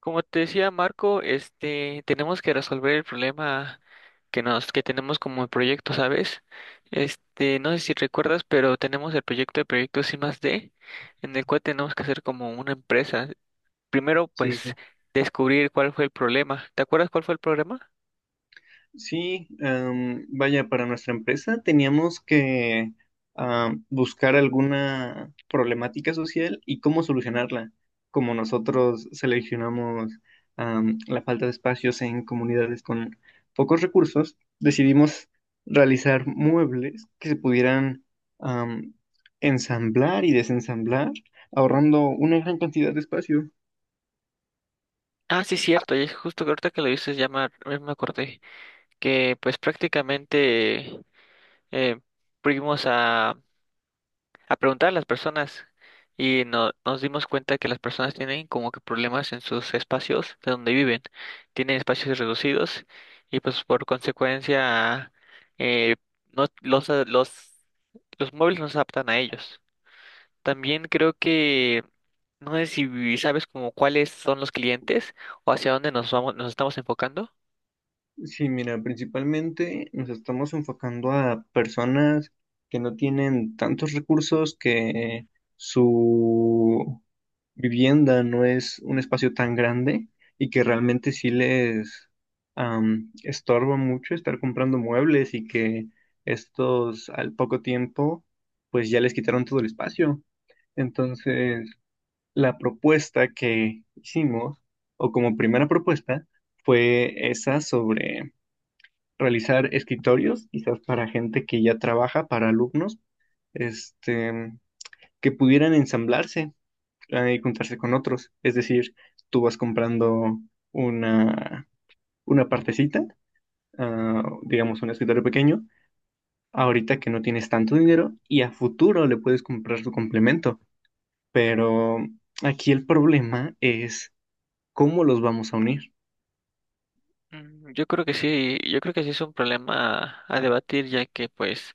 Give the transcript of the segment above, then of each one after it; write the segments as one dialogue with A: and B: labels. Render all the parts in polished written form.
A: Como te decía Marco, tenemos que resolver el problema que tenemos como el proyecto, ¿sabes? No sé si recuerdas, pero tenemos el proyecto de proyectos I más D, en el cual tenemos que hacer como una empresa. Primero,
B: Sí, sí.
A: pues, descubrir cuál fue el problema. ¿Te acuerdas cuál fue el problema?
B: Sí, vaya, para nuestra empresa teníamos que buscar alguna problemática social y cómo solucionarla, como nosotros seleccionamos la falta de espacios en comunidades con pocos recursos, decidimos realizar muebles que se pudieran am, ensamblar y desensamblar, ahorrando una gran cantidad de espacio.
A: Ah, sí, cierto, y es justo que ahorita que lo dices, ya me acordé, que pues prácticamente eh, fuimos a preguntar a las personas y nos dimos cuenta que las personas tienen como que problemas en sus espacios de donde viven, tienen espacios reducidos y pues por consecuencia eh, no, los muebles no se adaptan a ellos. También creo que no sé si sabes como cuáles son los clientes o hacia dónde nos estamos enfocando.
B: Sí, mira, principalmente nos estamos enfocando a personas que no tienen tantos recursos, que su vivienda no es un espacio tan grande y que realmente sí les estorba mucho estar comprando muebles y que estos al poco tiempo pues ya les quitaron todo el espacio. Entonces, la propuesta que hicimos, o como primera propuesta, fue esa sobre realizar escritorios, quizás para gente que ya trabaja, para alumnos, este, que pudieran ensamblarse y juntarse con otros. Es decir, tú vas comprando una, una partecita, ah, digamos un escritorio pequeño, ahorita que no tienes tanto dinero y a futuro le puedes comprar su complemento. Pero aquí el problema es cómo los vamos a unir.
A: Yo creo que sí, yo creo que sí es un problema a debatir, ya que pues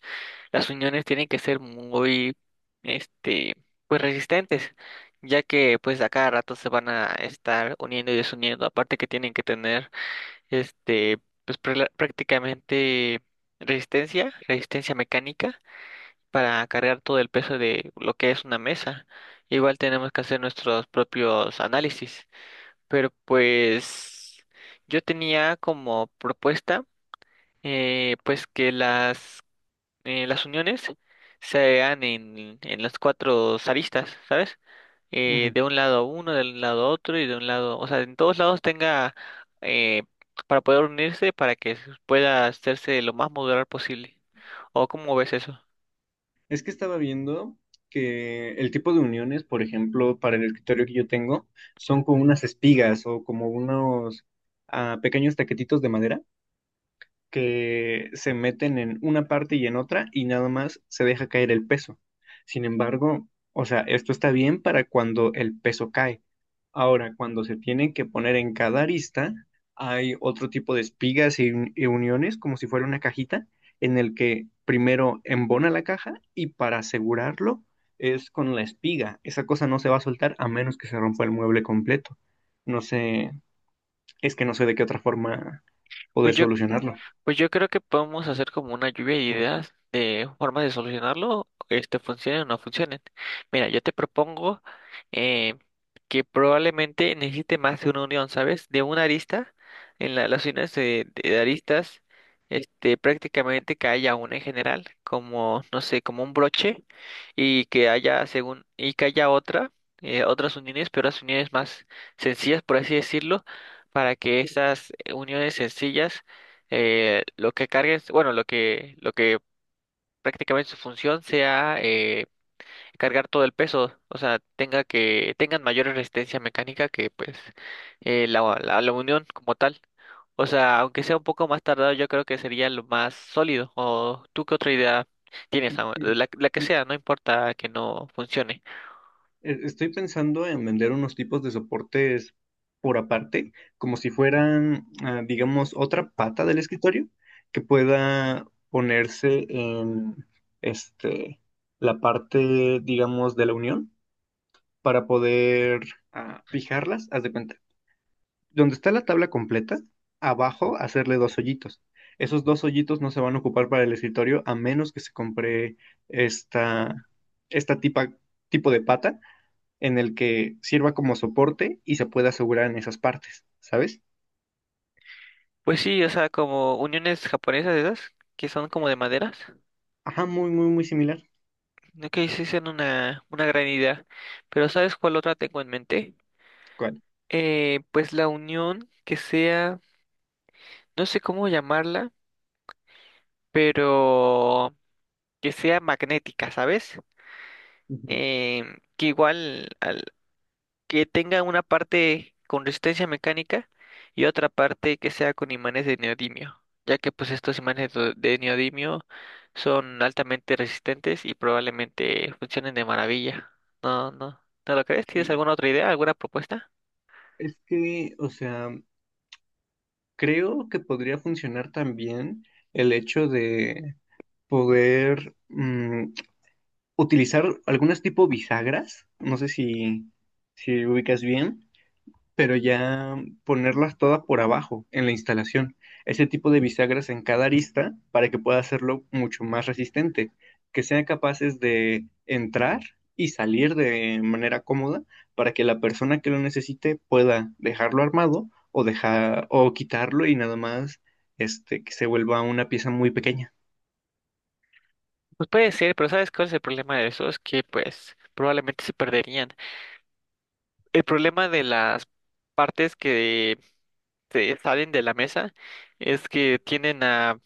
A: las uniones tienen que ser muy, este, pues resistentes, ya que pues a cada rato se van a estar uniendo y desuniendo, aparte que tienen que tener, este, pues prácticamente resistencia mecánica para cargar todo el peso de lo que es una mesa. Igual tenemos que hacer nuestros propios análisis. Pero pues yo tenía como propuesta pues que las uniones se hagan en las cuatro aristas, ¿sabes? De un lado uno, del lado otro y de un lado, o sea, en todos lados tenga eh, para poder unirse para que pueda hacerse lo más modular posible. ¿O cómo ves eso?
B: Es que estaba viendo que el tipo de uniones, por ejemplo, para el escritorio que yo tengo, son como unas espigas o como unos ah, pequeños taquetitos de madera que se meten en una parte y en otra y nada más se deja caer el peso. Sin embargo, o sea, esto está bien para cuando el peso cae. Ahora, cuando se tienen que poner en cada arista, hay otro tipo de espigas y uniones, como si fuera una cajita, en el que primero embona la caja y para asegurarlo es con la espiga. Esa cosa no se va a soltar a menos que se rompa el mueble completo. No sé, es que no sé de qué otra forma poder solucionarlo.
A: Pues yo creo que podemos hacer como una lluvia de ideas de formas de solucionarlo, este funcione o no funcione. Mira, yo te propongo eh, que probablemente necesite más de una unión, ¿sabes? De una arista, en las uniones de aristas, prácticamente que haya una en general, como, no sé, como un broche, y que haya y que haya otra, otras uniones, pero las uniones más sencillas, por así decirlo, para que esas uniones sencillas lo que cargues, bueno, lo que prácticamente su función sea cargar todo el peso, o sea, tengan mayor resistencia mecánica que pues la unión como tal. O sea, aunque sea un poco más tardado, yo creo que sería lo más sólido. ¿O tú qué otra idea tienes? ¿Samuel?
B: Mm,
A: La que
B: mm,
A: sea, no importa que no funcione.
B: Estoy pensando en vender unos tipos de soportes por aparte, como si fueran, ah, digamos, otra pata del escritorio que pueda ponerse en este, la parte, digamos, de la unión para poder ah, fijarlas, haz de cuenta. Donde está la tabla completa, abajo hacerle dos hoyitos. Esos dos hoyitos no se van a ocupar para el escritorio a menos que se compre esta, esta tipa, tipo de pata en el que sirva como soporte y se pueda asegurar en esas partes, ¿sabes?
A: Pues sí, o sea, como uniones japonesas esas, que son como de maderas.
B: Ajá, muy, muy, muy similar.
A: Ok, sí, son una gran idea. Pero ¿sabes cuál otra tengo en mente?
B: ¿Cuál?
A: Pues la unión que sea, no sé cómo llamarla, pero que sea magnética, ¿sabes?
B: Ujú.
A: Eh, que igual que tenga una parte con resistencia mecánica y otra parte que sea con imanes de neodimio, ya que pues estos imanes de neodimio son altamente resistentes y probablemente funcionen de maravilla. No, no, ¿No lo crees?
B: Sí,
A: ¿Tienes alguna otra idea, alguna propuesta?
B: es que, o sea, creo que podría funcionar también el hecho de poder utilizar algunas tipo bisagras, no sé si, si ubicas bien, pero ya ponerlas todas por abajo en la instalación. Ese tipo de bisagras en cada arista para que pueda hacerlo mucho más resistente, que sean capaces de entrar y salir de manera cómoda para que la persona que lo necesite pueda dejarlo armado o dejar o quitarlo y nada más este que se vuelva una pieza muy pequeña.
A: Pues puede ser, pero ¿sabes cuál es el problema de eso? Es que pues probablemente se perderían. El problema de las partes que se salen de la mesa es que tienden a,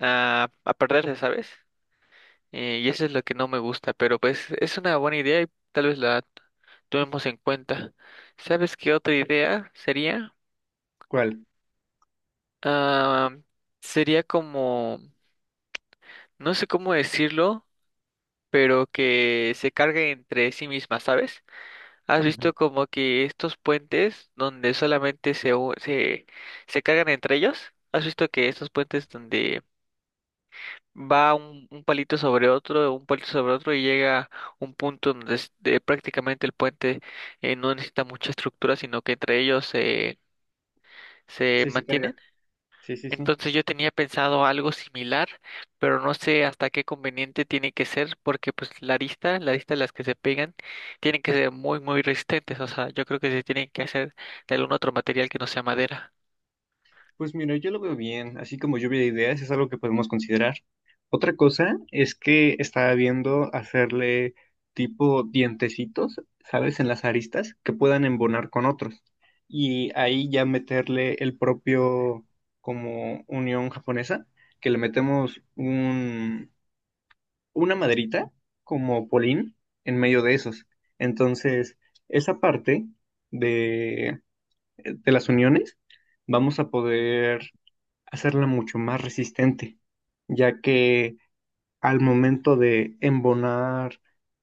A: a, a perderse, ¿sabes? Y eso es lo que no me gusta, pero pues es una buena idea y tal vez la tomemos en cuenta. ¿Sabes qué otra idea sería?
B: ¿Cuál?
A: Ah, Sería como, no sé cómo decirlo, pero que se cargue entre sí misma, ¿sabes? ¿Has
B: Ujú.
A: visto como que estos puentes donde solamente se se cargan entre ellos? ¿Has visto que estos puentes donde va un palito sobre otro, un palito sobre otro y llega un punto donde de prácticamente el puente no necesita mucha estructura, sino que entre ellos se
B: Sí, sí,
A: mantiene?
B: carga. Sí, sí, sí.
A: Entonces yo tenía pensado algo similar, pero no sé hasta qué conveniente tiene que ser, porque pues la arista de las que se pegan, tienen que ser muy, muy resistentes. O sea, yo creo que se tienen que hacer de algún otro material que no sea madera.
B: Pues mira, yo lo veo bien, así como lluvia de ideas es algo que podemos considerar. Otra cosa es que estaba viendo hacerle tipo dientecitos, ¿sabes? En las aristas que puedan embonar con otros. Y ahí ya meterle el propio como unión japonesa, que le metemos una maderita como polín en medio de esos. Entonces, esa parte de, de las uniones vamos a poder hacerla mucho más resistente, ya que al momento de embonar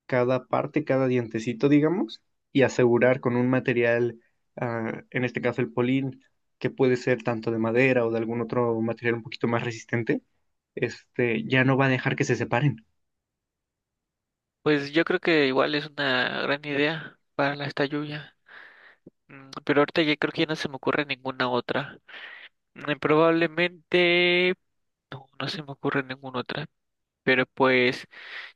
B: cada parte, cada dientecito, digamos, y asegurar con un material, ah, en este caso el polín, que puede ser tanto de madera o de algún otro material un poquito más resistente, este, ya no va a dejar que se separen.
A: Pues yo creo que igual es una gran idea para esta lluvia. Pero ahorita ya creo que ya no se me ocurre ninguna otra. Probablemente no se me ocurre ninguna otra. Pero pues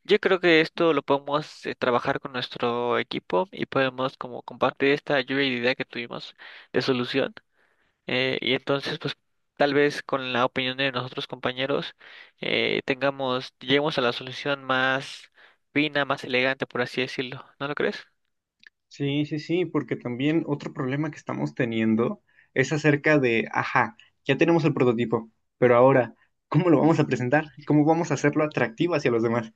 A: yo creo que esto lo podemos trabajar con nuestro equipo y podemos como compartir esta lluvia de idea que tuvimos de solución. Y entonces, pues tal vez con la opinión de nosotros compañeros lleguemos a la solución más fina, más elegante, por así decirlo. ¿No lo crees?
B: Sí, sí, sí, porque también otro problema que estamos teniendo es acerca de, ajá, ya tenemos el prototipo, pero ahora, ¿cómo lo vamos a presentar? ¿Cómo vamos a hacerlo atractivo hacia los demás?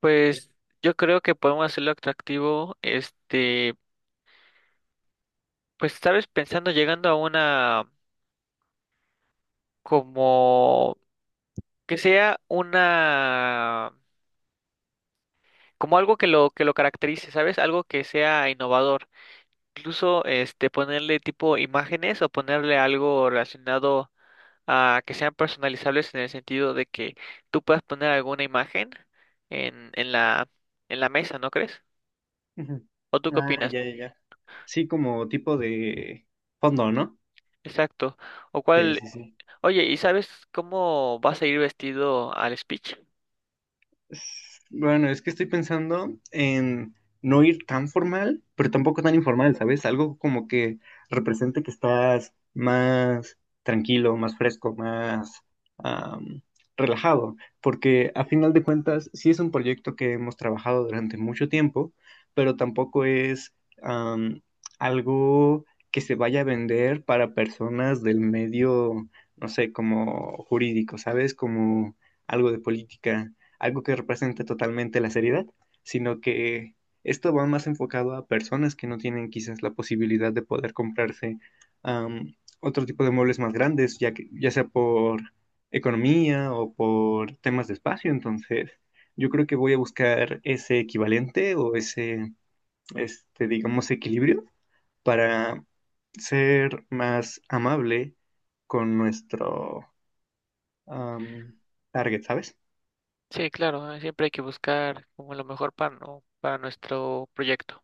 A: Pues yo creo que podemos hacerlo atractivo, pues sabes, pensando, llegando a una como que sea una como algo que lo caracterice, ¿sabes? Algo que sea innovador. Incluso este ponerle tipo imágenes o ponerle algo relacionado a que sean personalizables en el sentido de que tú puedas poner alguna imagen en, en la en la mesa, ¿no crees?
B: Ujú.
A: ¿O tú qué
B: Ah,
A: opinas?
B: ya, ya, ya. Sí, como tipo de fondo, ¿no?
A: Exacto. O
B: Sí,
A: cuál,
B: sí, sí.
A: oye, ¿y sabes cómo vas a ir vestido al speech?
B: Bueno, es que estoy pensando en no ir tan formal, pero tampoco tan informal, ¿sabes? Algo como que represente que estás más tranquilo, más fresco, más am, relajado, porque a final de cuentas sí es un proyecto que hemos trabajado durante mucho tiempo, pero tampoco es am, algo que se vaya a vender para personas del medio, no sé, como jurídico, ¿sabes? Como algo de política algo que represente totalmente la seriedad, sino que esto va más enfocado a personas que no tienen quizás la posibilidad de poder comprarse otro tipo de muebles más grandes, ya, que, ya sea por economía o por temas de espacio. Entonces, yo creo que voy a buscar ese equivalente o ese, este, digamos, equilibrio para ser más amable con nuestro um, target, ¿sabes?
A: Sí, claro, siempre hay que buscar como lo mejor para, para nuestro proyecto.